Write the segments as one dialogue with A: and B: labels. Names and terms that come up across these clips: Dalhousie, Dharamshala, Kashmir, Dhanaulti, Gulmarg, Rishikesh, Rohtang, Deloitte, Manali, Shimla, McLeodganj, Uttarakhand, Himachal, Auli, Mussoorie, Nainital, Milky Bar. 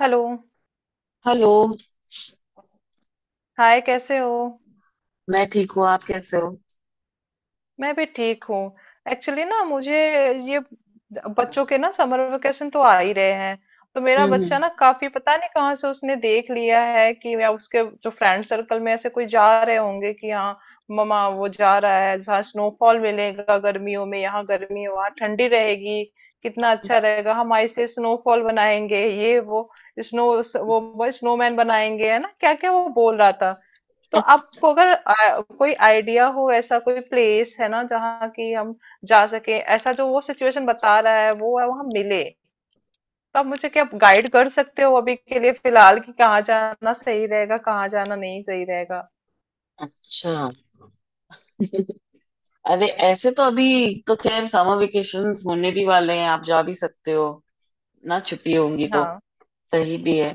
A: Hello.
B: Hello.
A: Hi, कैसे हो?
B: मैं ठीक हूँ, आप कैसे हो?
A: मैं भी ठीक हूँ। एक्चुअली ना मुझे ये बच्चों के ना समर वेकेशन तो आ ही रहे हैं। तो मेरा
B: हम्म।
A: बच्चा ना काफी, पता नहीं कहाँ से उसने देख लिया है कि, या उसके जो फ्रेंड सर्कल में ऐसे कोई जा रहे होंगे कि हाँ ममा, वो जा रहा है जहाँ स्नोफॉल मिलेगा। गर्मियों में यहाँ गर्मी है, वहाँ ठंडी रहेगी। कितना अच्छा रहेगा, हम ऐसे स्नोफॉल बनाएंगे, ये वो स्नो, वो स्नोमैन बनाएंगे, है ना। क्या क्या वो बोल रहा। तो आपको अगर कोई आइडिया हो, ऐसा कोई प्लेस है ना जहाँ की हम जा सके, ऐसा जो वो सिचुएशन बता रहा है वो है वहां मिले। तो आप मुझे क्या गाइड कर सकते हो अभी के लिए, फिलहाल, कि कहाँ जाना सही रहेगा, कहाँ जाना नहीं सही रहेगा।
B: अच्छा। अरे ऐसे तो अभी। तो खैर समर वेकेशंस होने भी वाले हैं, आप जा भी सकते हो ना, छुट्टी होंगी तो
A: हाँ।
B: सही भी है।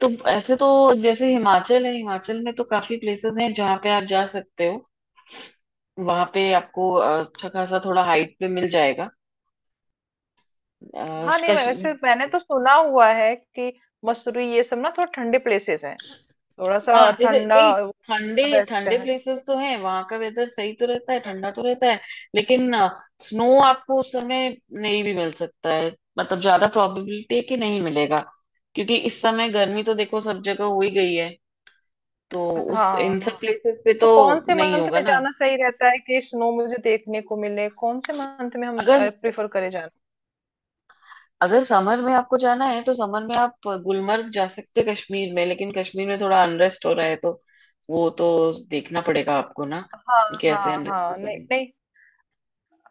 B: तो ऐसे तो जैसे हिमाचल है, हिमाचल में तो काफी प्लेसेस हैं जहाँ पे आप जा सकते हो। वहां पे आपको अच्छा खासा थोड़ा हाइट पे मिल जाएगा।
A: हाँ, नहीं, मैं
B: कश्मीर।
A: वैसे मैंने तो सुना हुआ है कि मसूरी ये सब ना थोड़ा ठंडे प्लेसेस हैं, थोड़ा सा
B: हाँ, जैसे
A: ठंडा
B: नहीं, ठंडे
A: रहता
B: ठंडे
A: है।
B: प्लेसेस तो हैं, वहां का वेदर सही तो रहता है, ठंडा तो रहता है। लेकिन स्नो आपको उस समय नहीं भी मिल सकता है। मतलब ज्यादा प्रोबेबिलिटी है कि नहीं मिलेगा। क्योंकि इस समय गर्मी तो देखो सब जगह हो ही गई है, तो उस
A: हाँ
B: इन
A: हाँ।
B: सब प्लेसेस पे
A: तो
B: तो
A: कौन से
B: नहीं
A: मंथ
B: होगा
A: में
B: ना।
A: जाना सही रहता है कि स्नो मुझे देखने को मिले, कौन से मंथ में हम
B: अगर
A: प्रेफर करें जाना?
B: अगर समर में आपको जाना है तो समर में आप गुलमर्ग जा सकते हैं कश्मीर में, लेकिन कश्मीर में थोड़ा अनरेस्ट हो रहा है तो वो तो देखना पड़ेगा आपको ना।
A: हाँ हाँ
B: कैसे अनरेस्ट
A: हाँ,
B: होता
A: नहीं
B: है।
A: नहीं।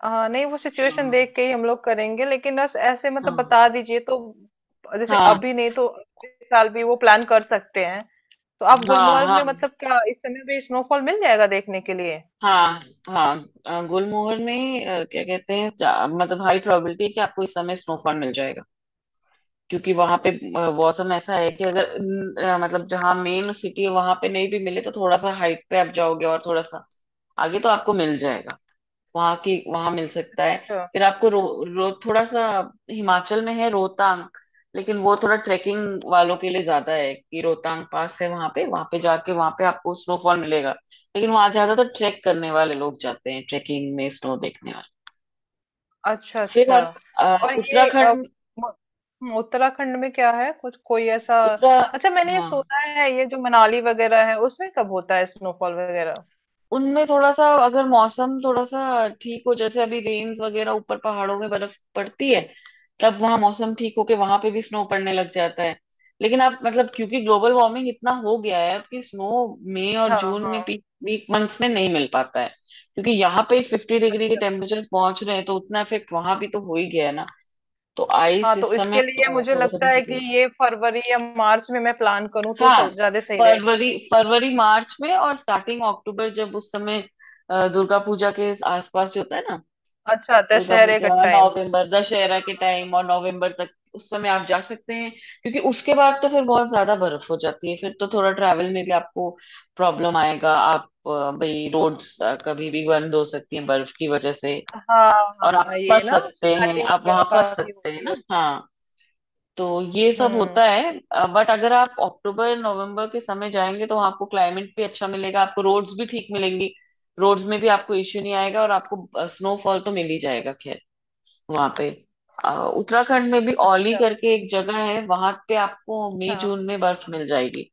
A: हाँ, नहीं, वो सिचुएशन
B: हाँ।
A: देख के ही हम लोग करेंगे, लेकिन बस ऐसे मतलब
B: हाँ।
A: बता दीजिए तो। जैसे
B: हाँ।
A: अभी नहीं तो इस साल भी वो प्लान कर सकते हैं। तो आप
B: हाँ।
A: गुलमर्ग
B: हाँ।
A: में, मतलब क्या इस समय भी स्नोफॉल मिल जाएगा देखने के लिए?
B: हाँ। हाँ। गुलमोहर में क्या कहते हैं, मतलब हाई प्रोबेबिलिटी है कि आपको इस समय स्नोफॉल मिल जाएगा। क्योंकि वहां पे मौसम ऐसा है कि अगर न, अ, मतलब जहाँ मेन सिटी है वहां पे नहीं भी मिले तो थोड़ा सा हाइट पे आप जाओगे और थोड़ा सा आगे तो आपको मिल जाएगा। वहां की वहां मिल सकता है। फिर आपको रो, रो थोड़ा सा, हिमाचल में है रोहतांग, लेकिन वो थोड़ा ट्रेकिंग वालों के लिए ज्यादा है कि रोहतांग पास है, वहां पे जाके वहां पे आपको स्नोफॉल मिलेगा। लेकिन वहां ज्यादातर ट्रैक करने वाले लोग जाते हैं ट्रेकिंग में, स्नो देखने वाले।
A: अच्छा
B: फिर
A: अच्छा।
B: आप
A: और ये
B: उत्तराखंड।
A: म- उत्तराखंड में क्या है, कुछ कोई ऐसा?
B: उत्तरा
A: अच्छा, मैंने ये
B: हाँ।
A: सुना है, ये जो मनाली वगैरह है उसमें कब होता है स्नोफॉल वगैरह?
B: उनमें थोड़ा सा अगर मौसम थोड़ा सा ठीक हो, जैसे अभी रेन्स वगैरह ऊपर पहाड़ों में बर्फ पड़ती है, तब वहां मौसम ठीक होके वहां पे भी स्नो पड़ने लग जाता है। लेकिन आप मतलब क्योंकि ग्लोबल वार्मिंग इतना हो गया है अब कि स्नो मई और
A: हाँ
B: जून
A: हाँ।
B: में पीक पीक मंथ्स में नहीं मिल पाता है। क्योंकि यहाँ पे 50 डिग्री के
A: अच्छा।
B: टेम्परेचर पहुंच रहे हैं, तो उतना इफेक्ट वहां भी तो हो ही गया है ना। तो
A: हाँ,
B: आइस
A: तो
B: इस समय
A: इसके लिए मुझे
B: थोड़ा सा
A: लगता है कि
B: difficult।
A: ये फरवरी या मार्च में मैं प्लान करूँ तो
B: हाँ।
A: ज्यादा सही रहेगा।
B: फरवरी फरवरी मार्च में और स्टार्टिंग अक्टूबर, जब उस समय दुर्गा पूजा के आसपास जो होता है ना।
A: अच्छा,
B: दुर्गा
A: दशहरे का
B: पूजा,
A: टाइम।
B: नवंबर, दशहरा के टाइम और नवंबर तक उस समय आप जा सकते हैं। क्योंकि उसके बाद तो फिर बहुत ज्यादा बर्फ हो जाती है, फिर तो थोड़ा ट्रैवल में भी आपको प्रॉब्लम आएगा। आप भाई रोड्स कभी भी बंद हो सकती हैं बर्फ की वजह से।
A: हाँ
B: और आप
A: हाँ, ये
B: फंस
A: ना
B: सकते हैं,
A: स्लाइडिंग
B: आप
A: वगैरह
B: वहां फंस
A: काफी
B: सकते हैं
A: होती है।
B: ना। हाँ। तो ये सब
A: हम्म।
B: होता है। बट अगर आप अक्टूबर नवंबर के समय जाएंगे तो आपको क्लाइमेट भी अच्छा मिलेगा, आपको रोड्स भी ठीक मिलेंगी। रोड्स में भी आपको इश्यू नहीं आएगा और आपको स्नोफॉल तो मिल ही जाएगा। खैर, वहां पे अ, उत्तराखंड में भी औली
A: अच्छा।
B: करके एक जगह है, वहां पे आपको मई
A: हाँ।
B: जून में बर्फ मिल जाएगी।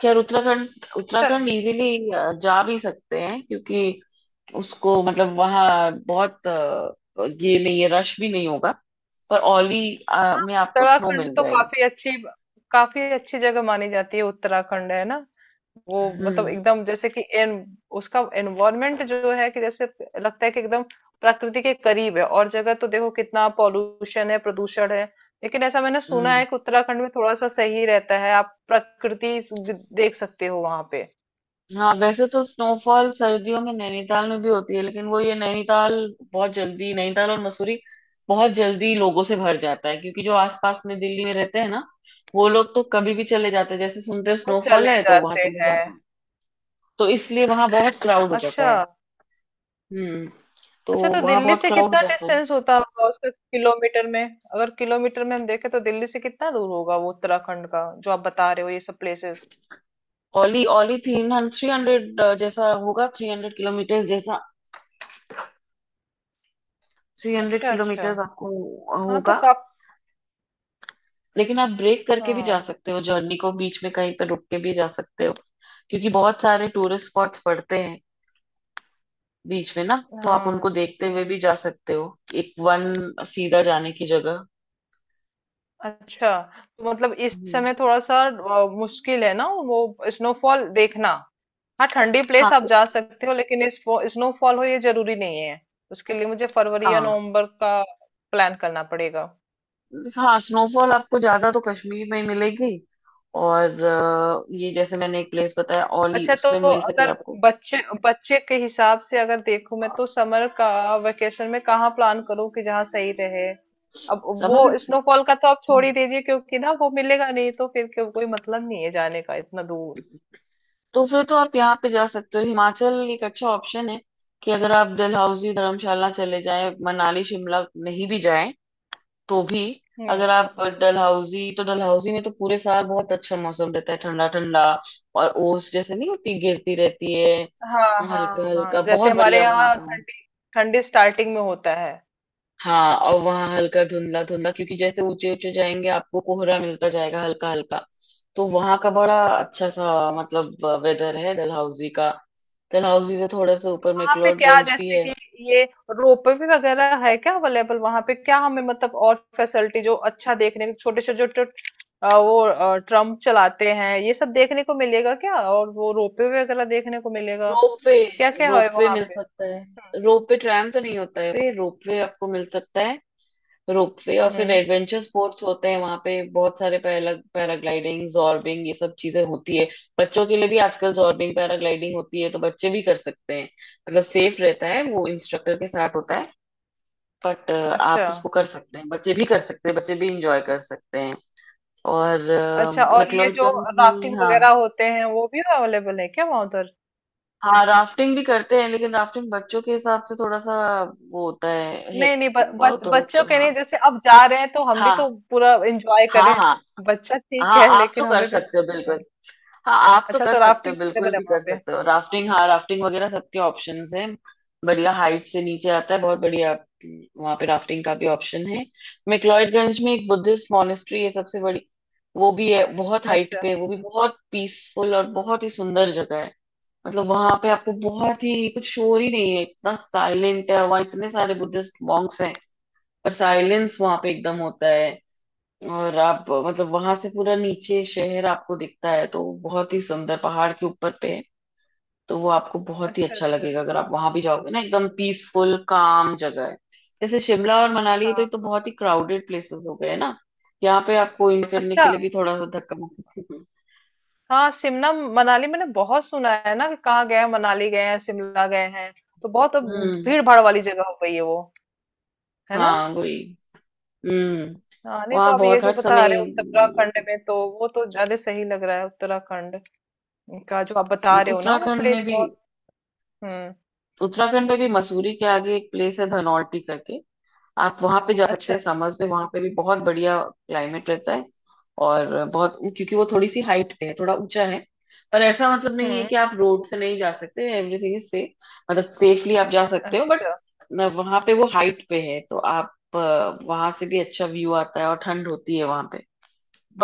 B: खैर, उत्तराखंड,
A: अच्छा।
B: उत्तराखंड इजीली जा भी सकते हैं। क्योंकि उसको मतलब वहाँ बहुत ये नहीं है, रश भी नहीं होगा। पर औली
A: हाँ,
B: में आपको स्नो
A: उत्तराखंड
B: मिल
A: तो
B: जाएगा।
A: काफी अच्छी, काफी अच्छी जगह मानी जाती है उत्तराखंड, है ना। वो, मतलब
B: हम्म।
A: एकदम, जैसे कि एन, उसका एनवायरनमेंट जो है, कि जैसे लगता है कि एकदम प्रकृति के करीब है। और जगह तो देखो कितना पॉल्यूशन है, प्रदूषण है, लेकिन ऐसा मैंने सुना
B: हम्म।
A: है कि उत्तराखंड में थोड़ा सा सही रहता है, आप प्रकृति देख सकते हो वहां पे।
B: हाँ वैसे तो स्नोफॉल सर्दियों में नैनीताल में भी होती है, लेकिन वो ये नैनीताल बहुत जल्दी, नैनीताल और मसूरी बहुत जल्दी लोगों से भर जाता है क्योंकि जो आसपास में दिल्ली में रहते हैं ना, वो लोग तो कभी भी चले जाते हैं, जैसे सुनते हैं
A: वो
B: स्नोफॉल
A: चले
B: है तो वहां
A: जाते
B: चले
A: हैं।
B: जाते हैं। तो इसलिए वहां बहुत क्राउड हो जाता
A: अच्छा
B: है। हम्म। तो
A: अच्छा। तो
B: वहां
A: दिल्ली
B: बहुत
A: से
B: क्राउड हो
A: कितना
B: जाता है।
A: डिस्टेंस होता होगा उसका, किलोमीटर में, अगर किलोमीटर में हम देखें तो दिल्ली से कितना दूर होगा वो उत्तराखंड का जो आप बता रहे हो ये सब प्लेसेस?
B: ओली ओली थ्री 300 जैसा होगा, 300 किलोमीटर जैसा, 300
A: अच्छा अच्छा।
B: किलोमीटर आपको
A: हाँ, तो
B: होगा।
A: काफ।
B: लेकिन आप ब्रेक करके भी जा
A: हाँ
B: सकते हो, जर्नी को बीच में कहीं तो रुक के भी जा सकते हो, क्योंकि बहुत सारे टूरिस्ट स्पॉट्स पड़ते हैं बीच में ना। तो आप
A: हाँ।
B: उनको देखते हुए भी जा सकते हो, एक वन सीधा जाने की जगह।
A: अच्छा, तो मतलब इस
B: हम्म।
A: समय थोड़ा सा मुश्किल है ना वो स्नोफॉल देखना। हाँ, ठंडी प्लेस
B: हाँ।
A: आप जा सकते हो लेकिन इस स्नोफॉल हो ये जरूरी नहीं है। उसके लिए मुझे फरवरी या
B: हाँ।
A: नवंबर का प्लान करना पड़ेगा।
B: हाँ। स्नोफॉल आपको ज्यादा तो कश्मीर में ही मिलेगी, और ये जैसे मैंने एक प्लेस बताया ओली,
A: अच्छा, तो
B: उसमें मिल सके
A: अगर
B: आपको।
A: बच्चे, बच्चे के हिसाब से अगर देखूं मैं, तो समर का वेकेशन में कहाँ प्लान करूं कि जहाँ सही रहे? अब वो
B: समझ रहे
A: स्नोफॉल का तो आप छोड़ ही दीजिए, क्योंकि ना वो मिलेगा नहीं तो फिर कोई मतलब नहीं है जाने का इतना दूर।
B: हो? तो फिर तो आप यहाँ पे जा सकते हो, हिमाचल एक अच्छा ऑप्शन है कि अगर आप डलहौजी धर्मशाला चले जाएं, मनाली शिमला नहीं भी जाएं तो भी,
A: हम्म।
B: अगर आप डलहौजी, तो डलहौजी में तो पूरे साल बहुत अच्छा मौसम रहता है, ठंडा ठंडा। और ओस जैसे नहीं होती गिरती रहती है,
A: हाँ
B: हल्का
A: हाँ हाँ,
B: हल्का,
A: जैसे
B: बहुत
A: हमारे
B: बढ़िया वहाँ
A: यहाँ
B: का।
A: ठंडी, ठंडी स्टार्टिंग में होता है।
B: हाँ और वहाँ हल्का धुंधला धुंधला क्योंकि जैसे ऊंचे ऊंचे जाएंगे आपको कोहरा मिलता जाएगा हल्का हल्का। तो वहाँ का बड़ा अच्छा
A: अच्छा।
B: सा मतलब वेदर है डलहौजी का। डलहौजी से थोड़ा सा ऊपर में
A: वहां पे क्या,
B: क्लोडगंज भी
A: जैसे
B: है।
A: कि ये रोपवे वगैरह है क्या अवेलेबल वहां पे, क्या हमें, मतलब और फैसिलिटी जो अच्छा देखने को, छोटे से जो जो वो ट्रम्प चलाते हैं, ये सब देखने को मिलेगा क्या? और वो रोपवे वगैरह देखने को मिलेगा,
B: रोपवे।
A: क्या क्या है
B: रोपवे
A: वहां
B: मिल
A: पे?
B: सकता
A: हम्म।
B: है। रोपवे ट्रैम तो नहीं होता है, रोपवे आपको मिल सकता है। रोपवे और फिर
A: हम्म।
B: एडवेंचर स्पोर्ट्स होते हैं वहां पे बहुत सारे, पैराग्लाइडिंग, जॉर्बिंग, ये सब चीजें होती है। बच्चों के लिए भी आजकल जॉर्बिंग पैराग्लाइडिंग होती है, तो बच्चे भी कर सकते हैं। मतलब सेफ रहता है, वो इंस्ट्रक्टर के साथ होता है। बट
A: अच्छा
B: आप उसको कर सकते हैं, बच्चे भी कर सकते हैं, बच्चे भी इंजॉय कर सकते हैं। और
A: अच्छा। और ये जो
B: मैक्लोडगंज में।
A: राफ्टिंग
B: हाँ।
A: वगैरह होते हैं, वो भी अवेलेबल है क्या वहां उधर?
B: हाँ, राफ्टिंग भी करते हैं लेकिन राफ्टिंग बच्चों के हिसाब से थोड़ा सा वो होता है
A: नहीं नहीं,
B: थोड़ा
A: बच्चों के नहीं,
B: सा।
A: जैसे अब जा रहे हैं तो हम भी
B: हाँ।
A: तो पूरा एंजॉय
B: हाँ।
A: करें।
B: हाँ।
A: बच्चा
B: हाँ।
A: ठीक है
B: हाँ, आप तो
A: लेकिन
B: कर
A: हमें भी।
B: सकते हो बिल्कुल। हाँ, आप तो
A: अच्छा,
B: कर
A: तो
B: सकते हो
A: राफ्टिंग
B: बिल्कुल,
A: अवेलेबल है
B: भी
A: वहां
B: कर
A: पे।
B: सकते हो राफ्टिंग। हाँ राफ्टिंग वगैरह सबके ऑप्शंस हैं। बढ़िया हाइट से नीचे आता है, बहुत बढ़िया। वहां पे राफ्टिंग का भी ऑप्शन है। मैक्लॉडगंज में एक बुद्धिस्ट मॉनेस्ट्री है सबसे बड़ी, वो भी है बहुत हाइट
A: अच्छा।
B: पे, वो भी बहुत पीसफुल और बहुत ही सुंदर जगह है। मतलब वहां पे आपको बहुत ही कुछ शोर ही नहीं है, इतना साइलेंट है वहां, इतने सारे बुद्धिस्ट मॉन्क्स हैं, पर साइलेंस वहां पे एकदम होता है। और आप मतलब वहां से पूरा नीचे शहर आपको दिखता है, तो बहुत ही सुंदर पहाड़ के ऊपर पे है, तो वो आपको बहुत ही
A: अच्छा।
B: अच्छा
A: अच्छा।
B: लगेगा अगर आप वहां भी जाओगे ना, एकदम पीसफुल काम जगह है। जैसे शिमला और मनाली है तो ये तो
A: हाँ।
B: बहुत ही क्राउडेड प्लेसेस हो गए ना, यहाँ पे आपको इन करने
A: अच्छा।
B: के लिए भी थोड़ा सा धक्का मुक्की।
A: हाँ, शिमला मनाली मैंने बहुत सुना है ना, कि कहाँ गए हैं, मनाली गए हैं, शिमला गए हैं। तो बहुत अब
B: हम्म।
A: भीड़ भाड़ वाली जगह हो गई है वो, है ना।
B: हाँ वही। हम्म।
A: हाँ, नहीं तो
B: वहाँ
A: आप ये
B: बहुत
A: जो
B: हर
A: बता
B: समय
A: रहे हो
B: लोग
A: उत्तराखंड
B: रहते
A: में, तो वो तो ज्यादा सही लग रहा है, उत्तराखंड का जो आप बता
B: हैं।
A: रहे हो ना वो
B: उत्तराखंड में
A: प्लेस
B: भी,
A: बहुत। हम्म।
B: उत्तराखंड में भी मसूरी के आगे एक प्लेस है धनौल्टी करके, आप वहां पे जा सकते
A: अच्छा।
B: हैं समर्स में, वहां पे भी बहुत बढ़िया क्लाइमेट रहता है। और बहुत, क्योंकि वो थोड़ी सी हाइट पे है, थोड़ा ऊंचा है, पर ऐसा मतलब नहीं है
A: हम्म।
B: कि आप रोड से नहीं जा सकते, एवरीथिंग इज सेफ। मतलब सेफली आप जा सकते हो, बट
A: अच्छा।
B: वहां पे वो हाइट पे है तो आप, वहां से भी अच्छा व्यू आता है और ठंड होती है वहां पे।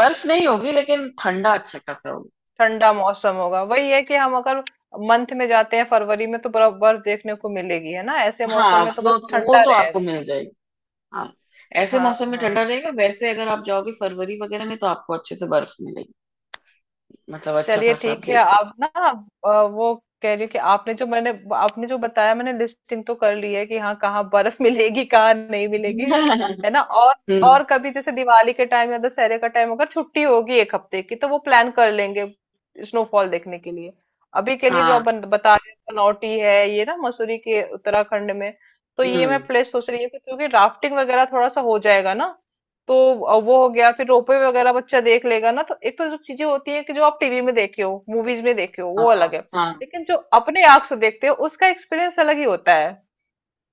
B: बर्फ नहीं होगी लेकिन ठंडा अच्छा खासा होगा।
A: ठंडा मौसम होगा, वही है कि हम अगर मंथ में जाते हैं फरवरी में तो बर्फ, बर्फ देखने को मिलेगी, है ना? ऐसे मौसम
B: हाँ
A: में तो बस
B: वो
A: ठंडा
B: तो आपको
A: रहेगा।
B: मिल जाएगी। हाँ ऐसे
A: हाँ
B: मौसम में ठंडा
A: हाँ।
B: रहेगा, वैसे अगर आप जाओगे फरवरी वगैरह में तो आपको अच्छे से बर्फ मिलेगी। मतलब अच्छा
A: चलिए
B: खासा आप
A: ठीक है।
B: देख सकते
A: आप ना वो कह रही हूँ कि आपने जो, मैंने, आपने जो बताया, मैंने लिस्टिंग तो कर ली है कि हाँ, कहाँ बर्फ मिलेगी, कहाँ नहीं मिलेगी,
B: हैं।
A: है ना।
B: हम्म।
A: और कभी जैसे दिवाली के टाइम या दशहरे का टाइम अगर छुट्टी होगी एक हफ्ते की तो वो प्लान कर लेंगे स्नोफॉल देखने के लिए। अभी के लिए जो आप
B: हाँ।
A: बता रहे हैं, पनौटी है ये ना, मसूरी के उत्तराखंड में, तो ये मैं
B: हम्म।
A: प्लेस सोच रही हूँ, कि क्योंकि राफ्टिंग वगैरह थोड़ा सा हो जाएगा ना, तो वो हो गया, फिर रोपवे वगैरह बच्चा देख लेगा ना। तो एक तो जो चीजें होती है कि जो आप टीवी में देखे हो, मूवीज में देखे हो वो अलग
B: हाँ।
A: है,
B: हाँ।
A: लेकिन जो अपने आंख से देखते हो उसका एक्सपीरियंस अलग ही होता है।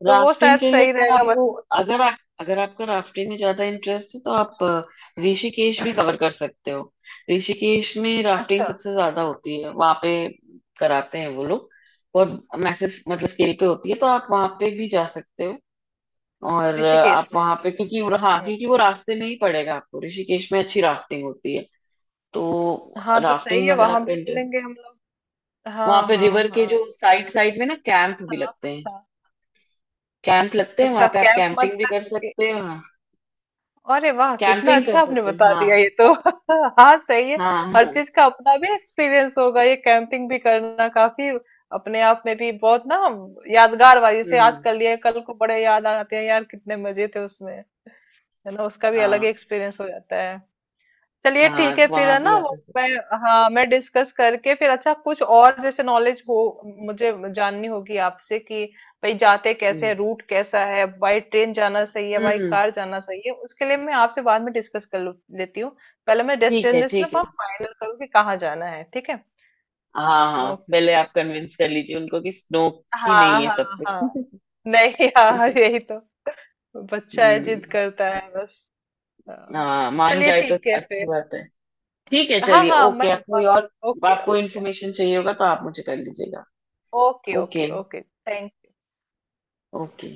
A: तो वो
B: राफ्टिंग
A: शायद
B: के लिए
A: सही
B: अगर
A: रहेगा बस।
B: आपको, अगर आपका राफ्टिंग में ज्यादा इंटरेस्ट है तो आप ऋषिकेश भी कवर कर सकते हो। ऋषिकेश में राफ्टिंग
A: अच्छा,
B: सबसे ज्यादा होती है, वहां पे कराते हैं वो लोग। बहुत मैसेज मतलब स्केल पे होती है, तो आप वहां पे भी जा सकते हो। और
A: ऋषिकेश
B: आप
A: में।
B: वहां पे क्योंकि हाँ,
A: हम्म।
B: क्योंकि वो रास्ते में ही पड़ेगा आपको, ऋषिकेश में अच्छी राफ्टिंग होती है।
A: हाँ,
B: तो
A: तो
B: राफ्टिंग
A: सही
B: में
A: है,
B: अगर
A: वहां
B: आपका
A: भी
B: इंटरेस्ट,
A: बोलेंगे हम लोग।
B: वहां
A: हाँ
B: पे
A: हाँ
B: रिवर के
A: हाँ।
B: जो साइड साइड में ना कैंप भी
A: हाँ,
B: लगते हैं,
A: हाँ।
B: कैंप लगते हैं वहां
A: अच्छा,
B: पे, आप
A: कैंप मत
B: कैंपिंग भी कर
A: कर।
B: सकते हो।
A: अरे वाह, कितना
B: कैंपिंग कर
A: अच्छा आपने
B: सकते हैं।
A: बता
B: हाँ।
A: दिया ये तो हाँ सही है।
B: हाँ।
A: हर
B: हाँ।
A: चीज का अपना भी एक्सपीरियंस होगा, ये कैंपिंग भी करना काफी अपने आप में भी बहुत ना यादगार वाली, जैसे आज
B: हम्म।
A: कर लिए कल को बड़े याद आते हैं, यार कितने मजे थे उसमें, है ना। उसका भी अलग ही
B: हाँ।
A: एक्सपीरियंस हो जाता है। चलिए ठीक
B: हाँ
A: है फिर, है
B: वहां भी
A: ना
B: आप
A: वो
B: जा
A: मैं।
B: सकते
A: हाँ, मैं डिस्कस करके फिर, अच्छा कुछ और जैसे नॉलेज हो मुझे, जाननी होगी आपसे कि भाई जाते
B: हैं।
A: कैसे
B: हम्म।
A: हैं, रूट कैसा है, बाई ट्रेन जाना सही है, बाई
B: हम्म।
A: कार जाना सही है, उसके लिए मैं आपसे बाद में डिस्कस कर लेती हूँ। पहले मैं
B: ठीक है।
A: डेस्टिनेशन
B: ठीक है।
A: आप फाइनल करूँ कि कहाँ जाना है, ठीक है।
B: हाँ हाँ,
A: ओके।
B: पहले आप कन्विंस कर लीजिए उनको कि स्नो ही
A: हाँ
B: नहीं है सब
A: हाँ।
B: कुछ।
A: हाँ, नहीं, हाँ हाँ, यही तो, बच्चा है, जिद
B: हम्म।
A: करता है बस। हाँ।
B: हाँ, मान
A: चलिए
B: जाए तो
A: ठीक है
B: अच्छी
A: फिर।
B: बात है। ठीक है,
A: हाँ
B: चलिए।
A: हाँ। मैं
B: ओके। आप कोई और
A: ओके
B: आपको
A: ओके
B: इन्फॉर्मेशन चाहिए होगा तो आप मुझे कर लीजिएगा।
A: Okay,
B: okay.
A: Okay, okay. Thank
B: okay.